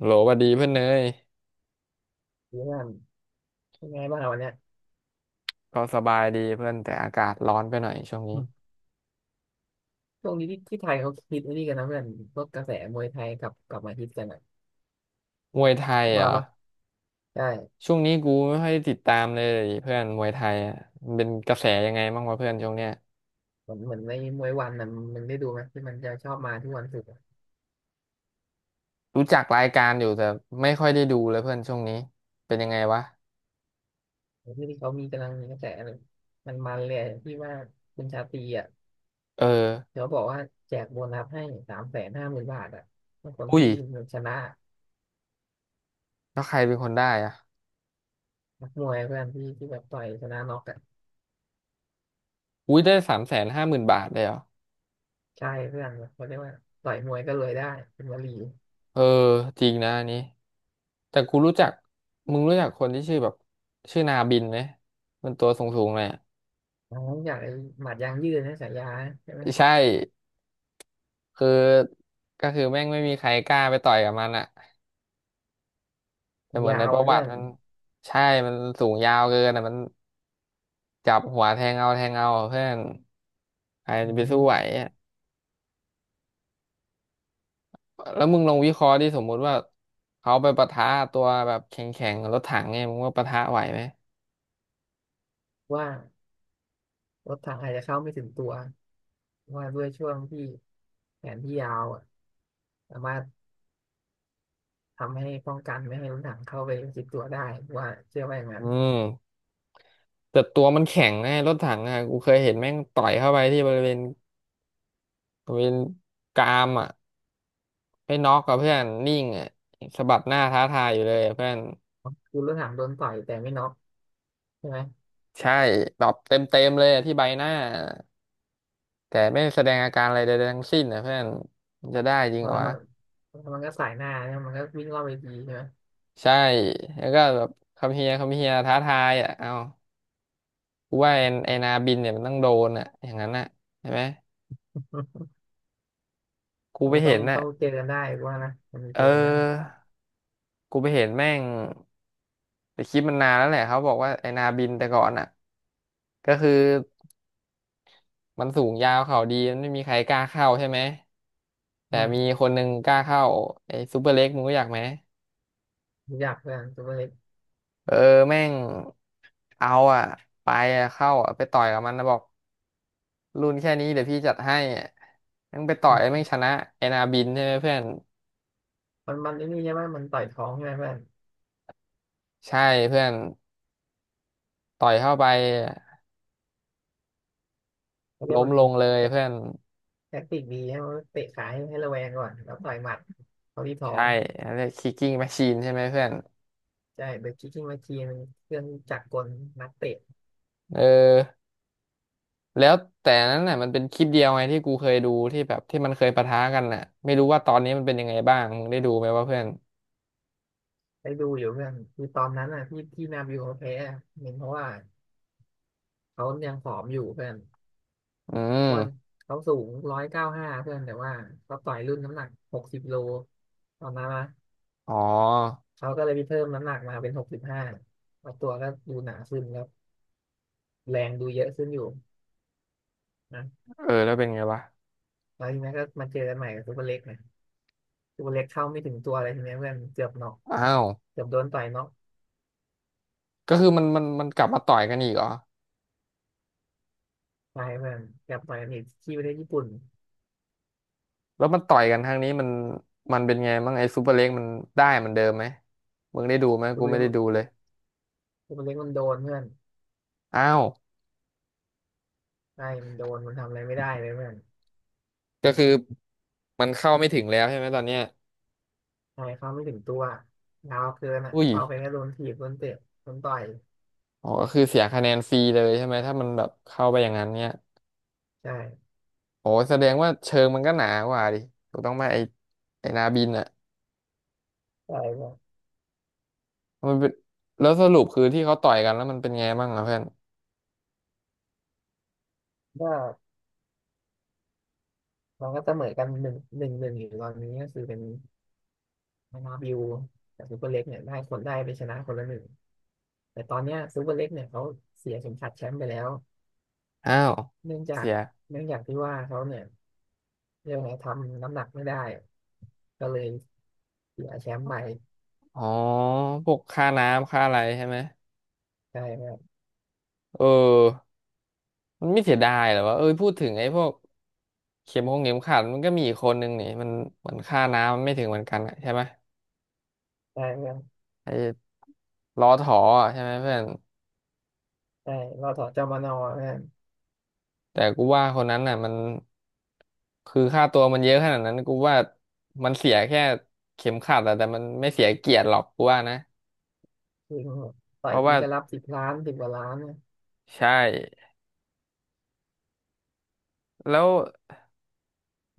โหลหวัดดีเพื่อนเนยเพื่อนเป็นไงบ้างอะวันเนี้ยก็สบายดีเพื่อนแต่อากาศร้อนไปหน่อยช่วงนี้อืมช่วงนี้ที่ไทยเขาฮิตไอ้นี่กันนะเพื่อนพวกกระแสมวยไทยกลับมาฮิตกันอ่ะมวยไทยเหรว่าอปะใช่ช่วงนี้กูไม่ค่อยติดตามเลยเพื่อนมวยไทยอะมันเป็นกระแสยังไงบ้างวะเพื่อนช่วงเนี้ยเหมือนในมวยวันน่ะมึงได้ดูไหมที่มันจะชอบมาทุกวันศุกร์อะรู้จักรายการอยู่แต่ไม่ค่อยได้ดูเลยเพื่อนช่วงนี้เป็นยังไงวะไอ้ที่เขามีกำลังมีกระแสเลยมันเลยอะที่ว่าคุณชาตรีอ่ะเออเขาบอกว่าแจกโบนัสให้สามแสนห้าหมื่นบาทอ่ะถ้าคนอุ้ยที่ชนะแล้วใครเป็นคนได้อะนักมวยเพื่อนที่แบบต่อยชนะน็อกอ่ะอุ้ยได้350,000บาทเลยเหรอใช่เพื่อนเขาเรียกว่าต่อยมวยก็เลยได้เป็นวลีเออจริงนะอันนี้แต่กูรู้จักมึงรู้จักคนที่ชื่อแบบชื่อนาบินไหมมันตัวสูงๆเลยอะอ๋ออย่างไอ้หมัดยางยืดนะฉายานะใช่ไหม ใช่ คือก็คือแม่งไม่มีใครกล้าไปต่อยกับมันอะแต่เหมือนยาในวประนะวัเพื่ติอนมันใช่มันสูงยาวเกินอะมันจับหัวแทงเอาแทงเอาอะเพื่อนใครอืจะไปสู้มไหวอะแล้วมึงลองวิเคราะห์ดิสมมุติว่าเขาไปปะทะตัวแบบแข็งๆกับรถถังเนี่ยมึงว่าปะทะไหวไหมว่ารถถังอาจจะเข้าไม่ถึงตัวว่าด้วยช่วงที่แผนที่ยาวอะสามารถทำให้ป้องกันไม่ให้รถถังเข้าไปจิกตัวได้ว่าเชื่อว่าอย่างอืนั้นมแต่ตัวมันแข็งไงรถถังอ่ะกูเคยเห็นแม่งต่อยเข้าไปที่บริเวณกรามอ่ะไม่น็อกกับเพื่อนนิ่งอ่ะสะบัดหน้าท้าทายอยู่เลยอะเพื่อน คือรถถังโดนต่อยแต่ไม่น็อกใช่ไหมใช่แบบเต็มเต็มเลยอะที่ใบหน้าแต่ไม่แสดงอาการอะไรใดๆทั้งสิ้นนะเพื่อนมันจะได้จริพงอเหรอแล้ววะมันแล้วมันก็สายหน้าใช่ไหมมันก็วิ่งรอบเวทีใช่ไหม ใช่แล้วก็แบบคำเฮียคำเฮียท้าทายอ่ะเอากูว่าไอนาบินเนี่ยมันต้องโดนอ่ะอย่างนั้นอ่ะใช่ไหม กูเราไปต้อเห็งนน่ะต้องเจอกันได้กูว่านะมันเอเจอกันได้อกูไปเห็นแม่งแต่คลิปมันนานแล้วแหละเขาบอกว่าไอนาบินแต่ก่อนอ่ะก็คือมันสูงยาวเข่าดีมันไม่มีใครกล้าเข้าใช่ไหมแต่อืมีมคนหนึ่งกล้าเข้าไอซูเปอร์เล็กมึงรู้จักไหม รู้จักเพื่อนตัวเล็กเออแม่งเอาอ่ะไปอะเข้าอ่ะไปต่อยกับมันนะบอกรุ่นแค่นี้เดี๋ยวพี่จัดให้อะแม่งไปต่อยแม่งชนะเอนาบินใช่ไหมเพื่อนมันมันไอ้นี่ใช่ไหมมันต่อยท้องใช่ไหมเพื่อนใช่เพื่อนต่อยเข้าไปเขาเรียกล้มมันลมีงเลยเพื่ฉ อนแท็กติกดีให้มันเตะขาให้ระแวงก่อนแล้วต่อยหมัดเขาที่ท้อใช่งอันเรียกคิกกิ้งแมชชีนใช่ไหมเพื่อนใช่เบรกคิกกิ้งมาชีนเครื่องจักรกลนักเตะเออแล้วแต่นั้นน่ะมันเป็นคลิปเดียวไงที่กูเคยดูที่แบบที่มันเคยปะทะกันน่ะไม่รู้ว่าตอนนี้มันเป็นยังไงบ้างมึงได้ดูไหมวะเพื่อนไปดูอยู่เพื่อนคือตอนนั้นอ่ะที่นาบิวเขาแพ้อะเห็นเพราะว่าเขายังผอมอยู่เพื่อนอืเพราะมว่าเขาสูง195เพื่อนแต่ว่าเขาต่อยรุ่นน้ำหนัก60 โลตอนนั้นนะอ๋อเขาก็เลยไปเพิ่มน้ำหนักมาเป็น65ตัวก็ดูหนาขึ้นแล้วแรงดูเยอะขึ้นอยู่นะเออแล้วเป็นไงวะแล้วทีนี้ก็มาเจอกันใหม่กับซูเปอร์เล็กนะซูเปอร์เล็กเข้าไม่ถึงตัวอะไรทีนี้เพื่อนเกือบน็อก อ้าว เกือบโดนต่อยน็อกก็คือมันกลับมาต่อยกันอีกเหรอตายเพื่อนเกือบต่อยกันีกที่ประเทศญี่ปุ่นแล้วมันต่อยกันครั้งนี้มันมันเป็นไงบ้างไอ้ซูเปอร์เล็กมันได้เหมันเดิมไหมมึงได้ดูไหมตักูวไม่เล็ได้กดูเลยตัวเล็กมันโดนเพื่อนอ้าวใช่มันโดนมันทำอะไรไม่ได้เลยเพื่อนก็คือมันเข้าไม่ถึงแล้วใช่ไหมตอนเนี้ยใช่เขาไม่ถึงตัวยาวเกินอ่ะอุ้ยเข้าไปแค่โดนถีบโดนเตะโดนต่อยอ๋อก็คือเสียคะแนนฟรีเลยใช่ไหมถ้ามันแบบเข้าไปอย่างนั้นเนี่ยใช่โอ้แสดงว่าเชิงมันก็หนากว่าดิถูกต้องไหมไอ้นาบินอ่ะใช่มันเป็นแล้วสรุปคือที่เขาต่อยกันแล้วมันเป็นไงบ้างอ่ะเพื่อนก็มันก็เสมอกันหนึ่งหนึ่งหนึ่งอยู่ตอนนี้ก็คือเป็นมานาบิวกับซูเปอร์เล็กเนี่ยได้คนได้ไปชนะคนละหนึ่งแต่ตอนเนี้ยซูเปอร์เล็กเนี่ยเขาเสียเข็มขัดแชมป์ไปแล้วอ้าวเนื่องจาเสีกยเนื่องจากที่ว่าเขาเนี่ยเรียกว่าไงทำน้ำหนักไม่ได้ก็เลย เสียแชมป์ใหม่อ๋อพวกค่าน้ำค่าอะไรใช่ไหมใช่เพื่อนเออ มันไม่เสียดายเหรอวะเอ้ยพูดถึงไอ้พวกเข็มหงเข็มขัดมันก็มีอีกคนนึงนี่มันเหมือนค่าน้ำมันไม่ถึงเหมือนกันอะใช่ไหมใช่เพื่อนไอ้ล้อถออะใช่ไหมเพื่อนใช่รอถอจมนเพื่อนแต่กูว่าคนนั้นน่ะมันคือค่าตัวมันเยอะขนาดนั้นกูว่ามันเสียแค่เข็มขัดอะแต่มันไม่เสียเกียรติหรอกกูว่านะจริงต่เพอยราะทีว่าก็รับ10 ล้าน10 กว่าล้านเนี่ยใช่แล้ว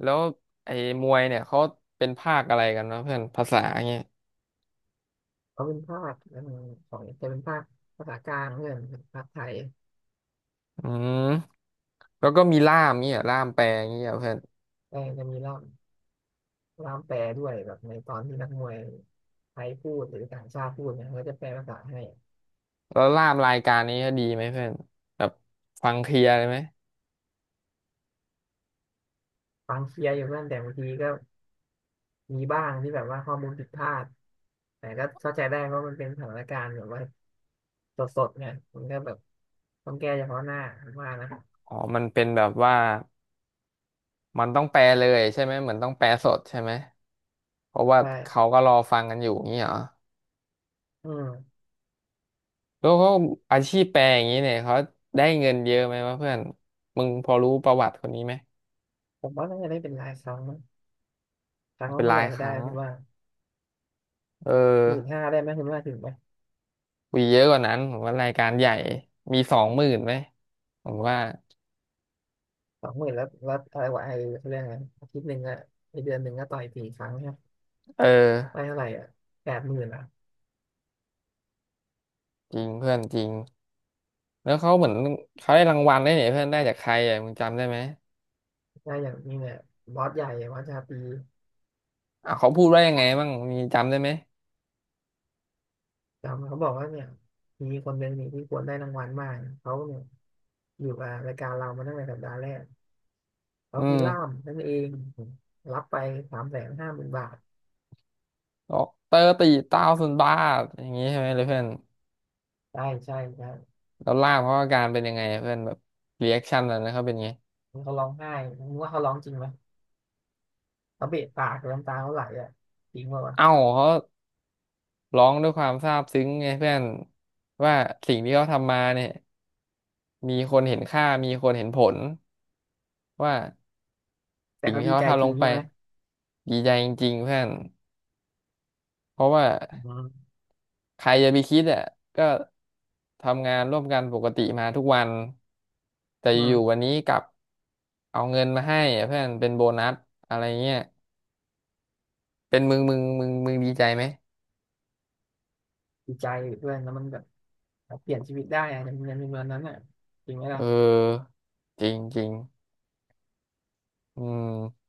แล้วไอ้มวยเนี่ยเขาเป็นภาคอะไรกันวะเพื่อนภาษาเงี้ยเขาเป็นภาคของจะเป็นภาคภาษากลางเพื่อนภาคไทยอืมแล้วก็มีล่ามเงี้ยล่ามแปลเงี้ยเพื่อน แต่จะมีล่ามแปลด้วยแบบในตอนที่นักมวยไทยพูดหรือต่างชาติพูดเนี่ยเขาจะแปลภาษาให้แล้วลาบรายการนี้ดีไหมเพื่อนแบบฟังเคลียร์เลยไหมฟังเคลียร์อยู่เพื่อนแต่บางทีก็มีบ้างที่แบบว่าข้อมูลผิดพลาดแต่ก็เข้าใจได้เพราะมันเป็นสถานการณ์แบบว่าสดๆเนี่ยมันก็แบบต้องแก้เฉพาะหน้าผมว่านะอ๋อมันเป็นแบบว่ามันต้องแปลเลยใช่ไหมเหมือนต้องแปลสดใช่ไหมเพราะว่าใช่ เขาก็รอฟังกันอยู่อย่างนี้เหรออืมแล้วเขาอาชีพแปลอย่างนี้เนี่ยเขาได้เงินเยอะไหมวะเพื่อนมึงพอรู้ประวัติคนนี้ไหมผมว่าน่าจะได้เป็นรายครั้งมั้งคอ๋รั้องละเป็นเท่าราไหยร่ก็คได้รั้งคุณว่าเอหมื่นอห้าได้ไหมคุณว่าถึงไหมวีเยอะกว่านั้นผมว่ารายการใหญ่มี20,000ไหมผมว่า20,000แล้วอะไรวะไอ้เขาเรียกไงนั้นอาทิตย์หนึ่งอะในเดือนหนึ่งก็ต่อย4 ครั้งเนี่ยเอได้อเท่าไหร่อะ80,000อะจริงเพื่อนจริงแล้วเขาเหมือนเขาได้รางวัลได้วยเนี่ยเพื่อนได้จากใครอ่ะมึงจำได้ไหม ได้อย่างนี้เนี่ยบอสใหญ่บอสชาตรีอ่ะเขาพูดว่ายังไงบ้างมีจำได้ไหมจำเขาบอกว่าเนี่ยมีคนเป็นหนึ่งที่ควรได้รางวัลมากเขาเนี่ยอยู่กับรายการเรามาตั้งแต่สัปดาห์แรกเขาอืคือล่ามมนั่นเองรับไปสามแสนห้าหมื่นบาทบอกเตอร์ตีเต้าสุนบ้าอย่างนี้ใช่ไหมเลยเพื่อนได้ใช่ใช่แล้วล่ามเขาอาการเป็นยังไงเพื่อนแบบรีแอคชั่นอะไรนะเขาเป็นไงเขาร้องไห้คุณว่าเขาร้องจริงไหม เขาเบะปากน้ำตาเขาไหลอ่ะจริงป่าวะเอ้าเขาร้องด้วยความซาบซึ้งไงเพื่อนว่าสิ่งที่เขาทำมาเนี่ยมีคนเห็นค่ามีคนเห็นผลว่าแต่สิ่งเขาที่ดีเขาใจทำจลริงงไปใช่ไหมดีใจจริงๆเพื่อนเพราะว่า อืมใครจะไปคิดอ่ะก็ทำงานร่วมกันปกติมาทุกวันแต่อือยู่ๆวัมนนี้กลับเอาเงินมาให้อะเพื่อนเป็นโบนัสอะไรเงี้ยเป็นมึงดีใจไหมดีใจเพื่อนแล้วมันแบบเปลี่ยนชีวิตได้อะในเมืองนั้นอ่ะจริงไหมเอล่ะอจริงจริงอืม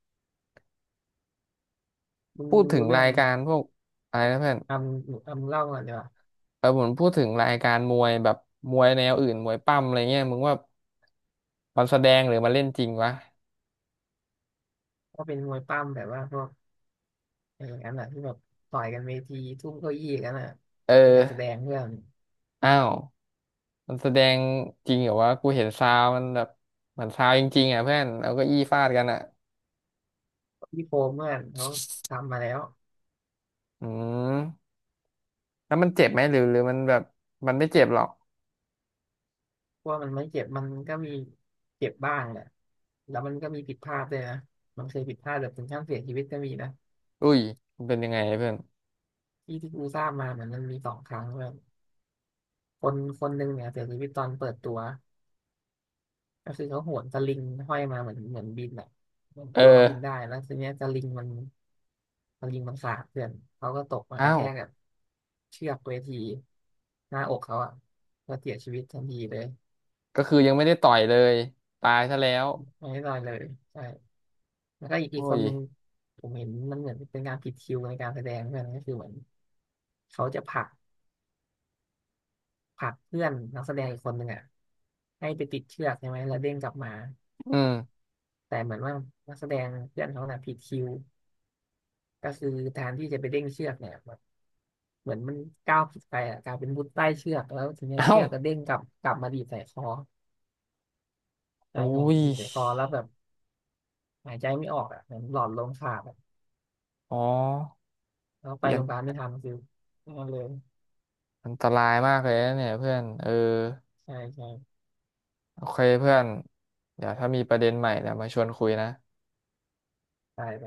มึงพูมึดงถึรู้งเรื่ราองยการพวกอะไรนะเพื่อนททำเล่าก่อนดีกว่าเออผมพูดถึงรายการมวยแบบมวยแนวอื่นมวยปั้มอะไรเงี้ยมึงว่ามันแสดงหรือมันเล่นจริงวะว่าเป็นมวยปั้มแบบว่าพวกอะไรอย่างนั้นอ่ะที่แบบต่อยกันเวทีทุ่มเก้าอี้กันอ่ะเอเป็นกาอรแสดงเพื่อนอ้าว มันแสดงจริงเหรอวะกูเห็นซาวมันแบบเหมือนซาวจริงๆอ่ะเพื่อนเอาเก็อี้ฟาดกันอ่ะพี่โฟมเพื่อนเขาทำมาแล้วอืมแล้วมันเจ็บไหมหรือหรือมันแบบมันไม่เจ็บหรอกเพราะว่ามันไม่เจ็บมันก็มีเจ็บบ้างแหละแล้วมันก็มีผิดพลาดด้วยนะมันเคยผิดพลาดแบบถึงขั้นเสียชีวิตก็มีนะ อุ้ยมันเป็นยังไงเพื่อนที่กูทราบมาเหมือนมันมี2 ครั้งแบบคนคนหนึ่งเนี่ยเสียชีวิตตอนเปิดตัวก็คือเขาโหนสลิงห้อยมาเหมือนบินอ่ะเหมือนเออตัวเขาบินได้แล้วทีเนี้ยสลิงมันขาดเพื่อนเขาก็ตกมากอ้าระแทวกกับเชือกเวทีหน้าอกเขาอ่ะก็เสียชีวิตทันทีเลยก็คือยังไม่ได้ต่อยเลยตายซะแล้วไม่ได้ลอยเลยใช่แล้วก็อีกอุ้คยนหนึ่งผมเห็นมันเหมือนเป็นการผิดคิวในการแสดงเพื่อนก็คือเหมือนเขาจะผลักเพื่อนนักแสดงอีกคนหนึ่งอ่ะให้ไปติดเชือกใช่ไหมแล้วเด้งกลับมา อืมแต่เหมือนว่านักแสดงเพื่อนเขาน่ะผิดคิวก็คือแทนที่จะไปเด้งเชือกเนี่ยแบบเหมือนมันก้าวผิดไปอ่ะกลายเป็นมุดใต้เชือกแล้วทีเนี้ยเอ้าเชือกก็เด้งกลับมาดีดใส่คอกโอ้ลายเป็นยดีดใส่คอแล้วแบบหายใจไม่ออกอ่ะเหมือนหลอดลมขาดอะอ๋อแล้วเปไปลี่ยโรนงพยาบาลไม่ทันคือนั่นเลยอันตรายมากเลยนะเนี่ยเพื่อนเออใช่ใช่โอเคเพื่อนเดี๋ยวถ้ามีประเด็นใหม่เดี๋ยวมาชวนคุยนะตายไป